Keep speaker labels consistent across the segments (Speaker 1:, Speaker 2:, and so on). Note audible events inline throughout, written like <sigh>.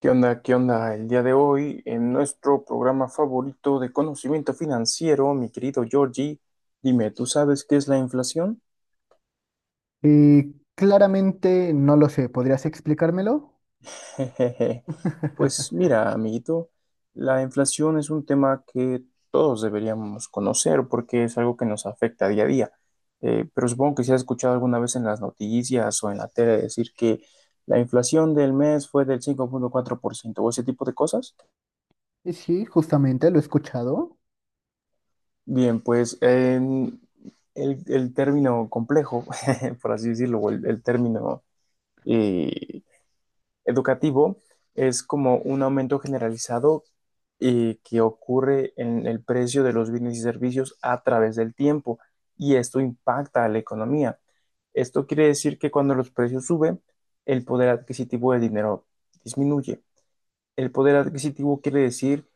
Speaker 1: ¿Qué onda? ¿Qué onda? El día de hoy, en nuestro programa favorito de conocimiento financiero, mi querido Georgie, dime, ¿tú sabes qué es la inflación?
Speaker 2: Y claramente no lo sé, ¿podrías explicármelo?
Speaker 1: <laughs> Jejeje. Pues
Speaker 2: <laughs>
Speaker 1: mira, amiguito, la inflación es un tema que todos deberíamos conocer porque es algo que nos afecta día a día. Pero supongo que si has escuchado alguna vez en las noticias o en la tele decir que la inflación del mes fue del 5.4% o ese tipo de cosas.
Speaker 2: Sí, justamente lo he escuchado.
Speaker 1: Bien, pues en el término complejo, <laughs> por así decirlo, o el término eh, educativo, es como un aumento generalizado que ocurre en el precio de los bienes y servicios a través del tiempo y esto impacta a la economía. Esto quiere decir que cuando los precios suben, el poder adquisitivo del dinero disminuye. El poder adquisitivo quiere decir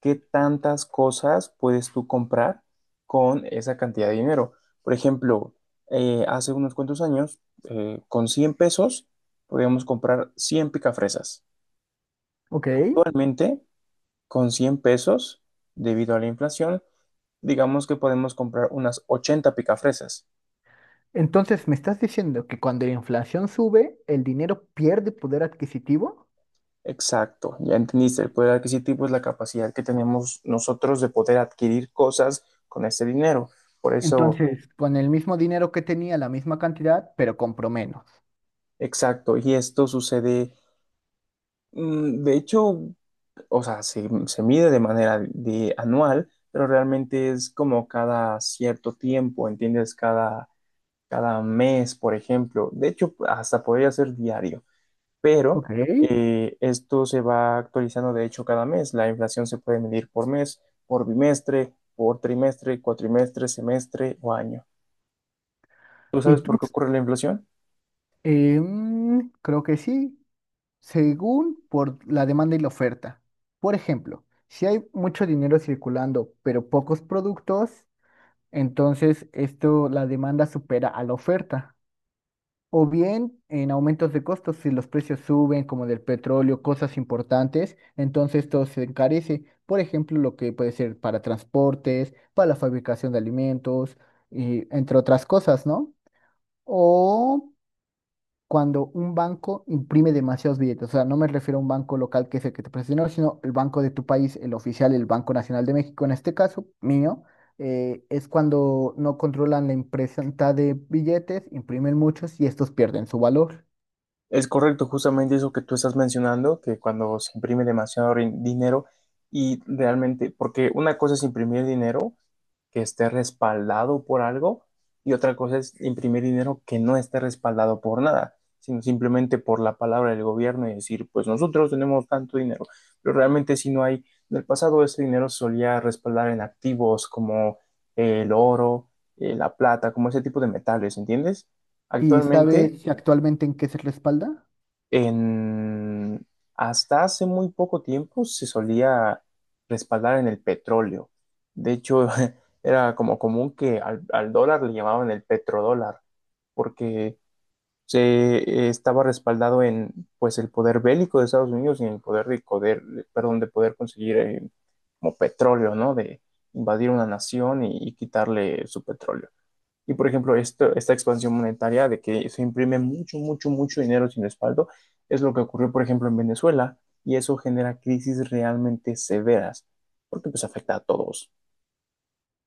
Speaker 1: qué tantas cosas puedes tú comprar con esa cantidad de dinero. Por ejemplo, hace unos cuantos años, con $100 podíamos comprar 100 picafresas.
Speaker 2: Ok.
Speaker 1: Actualmente, con $100, debido a la inflación, digamos que podemos comprar unas 80 picafresas.
Speaker 2: Entonces, ¿me estás diciendo que cuando la inflación sube, el dinero pierde poder adquisitivo?
Speaker 1: Exacto, ya entendiste, el poder adquisitivo es la capacidad que tenemos nosotros de poder adquirir cosas con este dinero. Por eso
Speaker 2: Entonces, con el mismo dinero que tenía, la misma cantidad, pero compro menos.
Speaker 1: exacto, y esto sucede, mm, de hecho, o sea, se mide de manera de anual, pero realmente es como cada cierto tiempo, ¿entiendes? Cada mes, por ejemplo. De hecho, hasta podría ser diario, pero
Speaker 2: Ok.
Speaker 1: esto se va actualizando, de hecho, cada mes. La inflación se puede medir por mes, por bimestre, por trimestre, cuatrimestre, semestre o año. ¿Tú
Speaker 2: ¿Y
Speaker 1: sabes por
Speaker 2: tú?
Speaker 1: qué ocurre la inflación?
Speaker 2: Creo que sí, según por la demanda y la oferta. Por ejemplo, si hay mucho dinero circulando, pero pocos productos, entonces, esto, la demanda supera a la oferta. O bien en aumentos de costos, si los precios suben, como del petróleo, cosas importantes, entonces esto se encarece. Por ejemplo, lo que puede ser para transportes, para la fabricación de alimentos, y entre otras cosas, ¿no? O cuando un banco imprime demasiados billetes. O sea, no me refiero a un banco local que es el que te presta dinero, sino el banco de tu país, el oficial, el Banco Nacional de México, en este caso, mío. Es cuando no controlan la impresión de billetes, imprimen muchos y estos pierden su valor.
Speaker 1: Es correcto, justamente eso que tú estás mencionando, que cuando se imprime demasiado dinero y realmente, porque una cosa es imprimir dinero que esté respaldado por algo y otra cosa es imprimir dinero que no esté respaldado por nada, sino simplemente por la palabra del gobierno y decir, pues nosotros tenemos tanto dinero, pero realmente si no hay, en el pasado ese dinero se solía respaldar en activos como el oro, la plata, como ese tipo de metales, ¿entiendes?
Speaker 2: ¿Y sabe
Speaker 1: Actualmente
Speaker 2: Vale. si actualmente en qué se respalda?
Speaker 1: en, hasta hace muy poco tiempo se solía respaldar en el petróleo. De hecho, <laughs> era como común que al dólar le llamaban el petrodólar, porque se estaba respaldado en pues el poder bélico de Estados Unidos y en el poder de poder, perdón, de poder conseguir como petróleo, ¿no? De invadir una nación y quitarle su petróleo. Y por ejemplo, esto, esta expansión monetaria de que se imprime mucho, mucho, mucho dinero sin respaldo es lo que ocurrió, por ejemplo, en Venezuela y eso genera crisis realmente severas porque pues afecta a todos.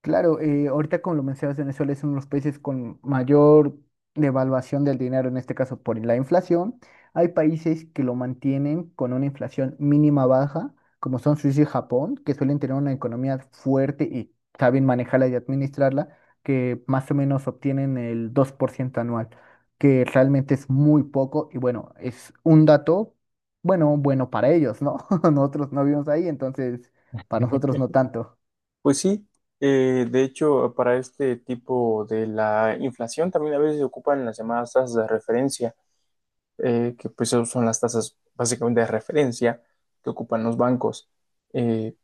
Speaker 2: Claro, ahorita como lo mencionas, Venezuela es uno de los países con mayor devaluación del dinero, en este caso por la inflación. Hay países que lo mantienen con una inflación mínima baja, como son Suiza y Japón, que suelen tener una economía fuerte y saben manejarla y administrarla, que más o menos obtienen el 2% anual, que realmente es muy poco y bueno, es un dato, bueno, bueno para ellos, ¿no? <laughs> Nosotros no vivimos ahí, entonces para nosotros no tanto.
Speaker 1: Pues sí, de hecho, para este tipo de la inflación también a veces se ocupan las llamadas tasas de referencia, que pues son las tasas básicamente de referencia que ocupan los bancos. Eh,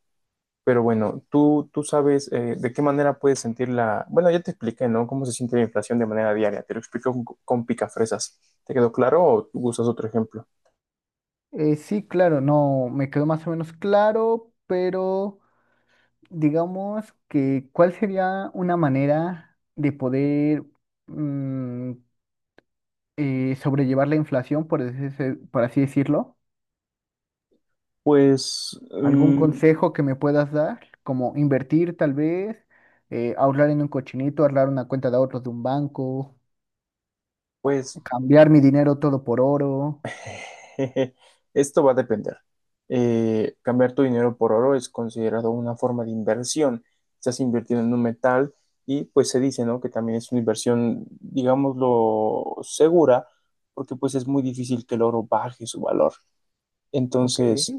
Speaker 1: Pero bueno, tú sabes de qué manera puedes sentir la... Bueno, ya te expliqué, ¿no? Cómo se siente la inflación de manera diaria. Te lo explico con picafresas. ¿Te quedó claro o tú usas otro ejemplo?
Speaker 2: Sí, claro, no, me quedó más o menos claro, pero digamos que, ¿cuál sería una manera de poder mm, sobrellevar la inflación, por así decirlo?
Speaker 1: Pues,
Speaker 2: ¿Algún Mm,
Speaker 1: mm,
Speaker 2: consejo que me puedas dar? Como invertir tal vez, ahorrar en un cochinito, ahorrar una cuenta de ahorros de un banco,
Speaker 1: pues,
Speaker 2: cambiar mi dinero todo por oro,
Speaker 1: <laughs> jeje, esto va a depender. Cambiar tu dinero por oro es considerado una forma de inversión. Estás invirtiendo en un metal y pues se dice, ¿no? Que también es una inversión, digámoslo, segura, porque pues es muy difícil que el oro baje su valor.
Speaker 2: ok,
Speaker 1: Entonces...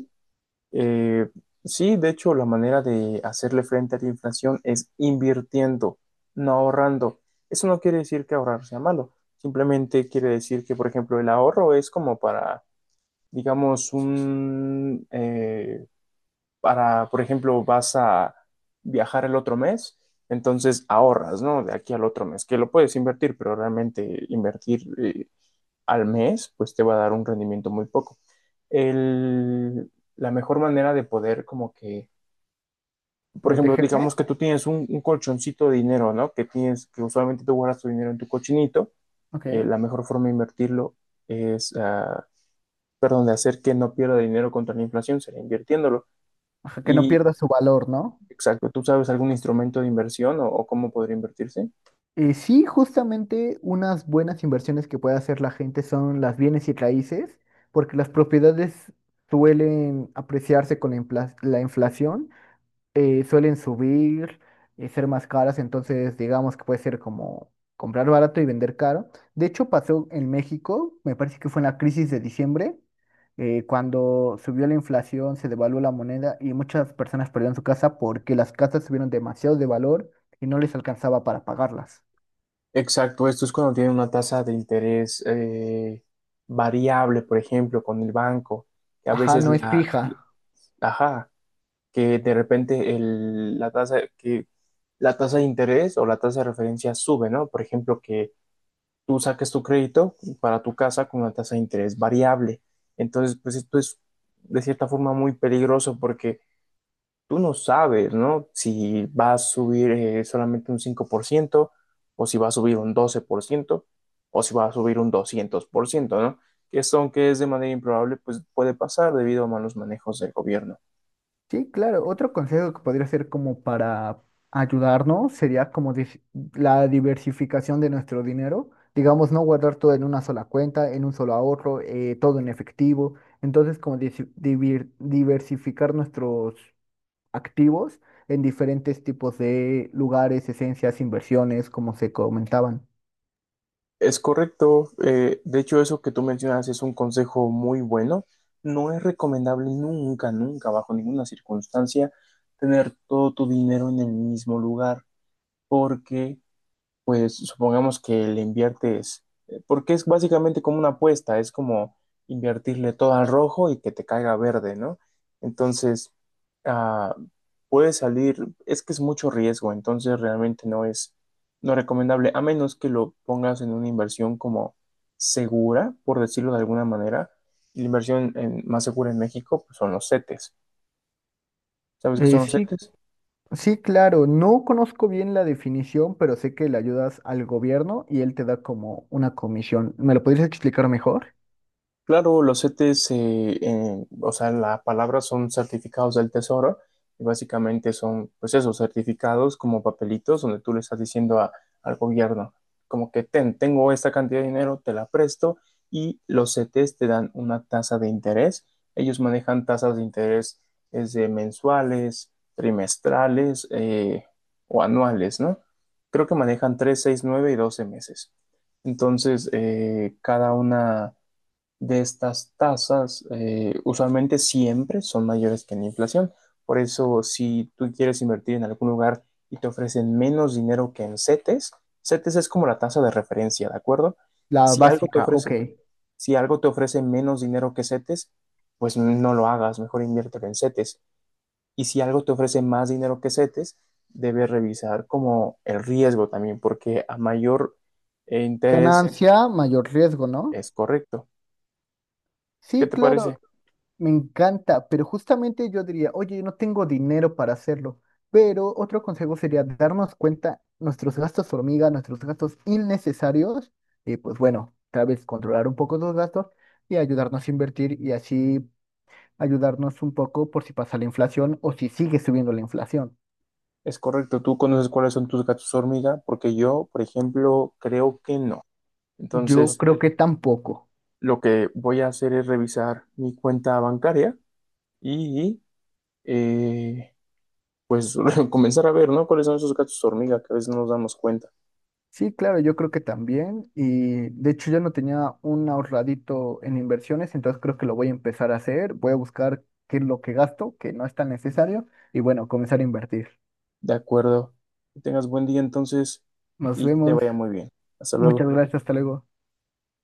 Speaker 1: Eh, sí, de hecho, la manera de hacerle frente a la inflación es invirtiendo, no ahorrando. Eso no quiere decir que ahorrar sea malo, simplemente quiere decir que, por ejemplo, el ahorro es como para, digamos, un, para, por ejemplo, vas a viajar el otro mes, entonces ahorras, ¿no? De aquí al otro mes, que lo puedes invertir, pero realmente invertir al mes, pues te va a dar un rendimiento muy poco. El, la mejor manera de poder como que por ejemplo,
Speaker 2: protegerme,
Speaker 1: digamos que tú tienes un colchoncito de dinero, ¿no? Que tienes, que usualmente tú guardas tu dinero en tu cochinito.
Speaker 2: ok,
Speaker 1: La mejor forma de invertirlo es, ah, perdón, de hacer que no pierda dinero contra la inflación, sería invirtiéndolo.
Speaker 2: ajá, que no
Speaker 1: Y,
Speaker 2: pierda su valor, ¿no?
Speaker 1: exacto, ¿tú sabes algún instrumento de inversión o cómo podría invertirse?
Speaker 2: Sí, justamente unas buenas inversiones que puede hacer la gente son las bienes y raíces, porque las propiedades suelen apreciarse con la inflación, suelen subir, ser más caras, entonces digamos que puede ser como comprar barato y vender caro. De hecho, pasó en México, me parece que fue en la crisis de diciembre, cuando subió la inflación, se devaluó la moneda y muchas personas perdieron su casa porque las casas subieron demasiado de valor y no les alcanzaba para pagarlas.
Speaker 1: Exacto, esto es cuando tiene una tasa de interés variable, por ejemplo, con el banco, que a
Speaker 2: Ajá,
Speaker 1: veces
Speaker 2: no es
Speaker 1: la,
Speaker 2: fija.
Speaker 1: ajá, que de repente la tasa, que la tasa de interés o la tasa de referencia sube, ¿no? Por ejemplo, que tú saques tu crédito para tu casa con una tasa de interés variable. Entonces, pues esto es de cierta forma muy peligroso porque tú no sabes, ¿no? Si va a subir solamente un 5%, o si va a subir un 12%, o si va a subir un 200%, ¿no? Que esto, aunque es de manera improbable, pues puede pasar debido a malos manejos del gobierno.
Speaker 2: Sí, claro. Otro consejo que podría ser como para ayudarnos sería como la diversificación de nuestro dinero. Digamos, no guardar todo en una sola cuenta, en un solo ahorro, todo en efectivo. Entonces, como diversificar nuestros activos en diferentes tipos de lugares, esencias, inversiones, como se comentaban.
Speaker 1: Es correcto. De hecho, eso que tú mencionas es un consejo muy bueno. No es recomendable nunca, nunca, bajo ninguna circunstancia, tener todo tu dinero en el mismo lugar, porque pues supongamos que le inviertes, porque es básicamente como una apuesta, es como invertirle todo al rojo y que te caiga verde, ¿no? Entonces, ah, puede salir, es que es mucho riesgo, entonces realmente no es, no recomendable, a menos que lo pongas en una inversión como segura, por decirlo de alguna manera. Y la inversión más segura en México, pues, son los CETES. ¿Sabes qué
Speaker 2: Eh,
Speaker 1: son los
Speaker 2: sí,
Speaker 1: CETES?
Speaker 2: Sí, claro, no conozco bien la definición, pero sé que le ayudas al gobierno y él te da como una comisión. ¿Me lo podrías explicar mejor?
Speaker 1: Claro, los CETES, o sea, la palabra son certificados del Tesoro y básicamente son, pues esos certificados como papelitos donde tú le estás diciendo al gobierno, como que ten, tengo esta cantidad de dinero, te la presto y los CETES te dan una tasa de interés. Ellos manejan tasas de interés desde mensuales, trimestrales o anuales, ¿no? Creo que manejan 3, 6, 9 y 12 meses. Entonces, cada una de estas tasas usualmente siempre son mayores que la inflación. Por eso, si tú quieres invertir en algún lugar y te ofrecen menos dinero que en CETES, CETES es como la tasa de referencia, ¿de acuerdo?
Speaker 2: La
Speaker 1: Si algo te
Speaker 2: básica,
Speaker 1: ofrece,
Speaker 2: ok.
Speaker 1: si algo te ofrece menos dinero que CETES, pues no lo hagas, mejor inviértelo en CETES. Y si algo te ofrece más dinero que CETES, debes revisar como el riesgo también, porque a mayor interés
Speaker 2: Ganancia, mayor riesgo, ¿no?
Speaker 1: es correcto. ¿Qué
Speaker 2: Sí,
Speaker 1: te
Speaker 2: claro,
Speaker 1: parece?
Speaker 2: me encanta, pero justamente yo diría, oye, no tengo dinero para hacerlo, pero otro consejo sería darnos cuenta nuestros gastos hormiga, nuestros gastos innecesarios, y pues bueno, tal vez controlar un poco los gastos y ayudarnos a invertir y así ayudarnos un poco por si pasa la inflación o si sigue subiendo la inflación.
Speaker 1: Es correcto, tú conoces cuáles son tus gatos hormiga, porque yo, por ejemplo, creo que no.
Speaker 2: Yo
Speaker 1: Entonces,
Speaker 2: creo Ok. que tampoco.
Speaker 1: lo que voy a hacer es revisar mi cuenta bancaria y, eh, pues, <laughs> comenzar a ver, ¿no? ¿Cuáles son esos gatos hormiga que a veces no nos damos cuenta?
Speaker 2: Sí, claro, yo creo que también. Y de hecho yo no tenía un ahorradito en inversiones, entonces creo que lo voy a empezar a hacer. Voy a buscar qué es lo que gasto, que no es tan necesario, y bueno, comenzar a invertir.
Speaker 1: De acuerdo. Que tengas buen día entonces
Speaker 2: Nos
Speaker 1: y que te
Speaker 2: vemos.
Speaker 1: vaya muy bien. Hasta
Speaker 2: Muchas
Speaker 1: luego.
Speaker 2: gracias, hasta luego.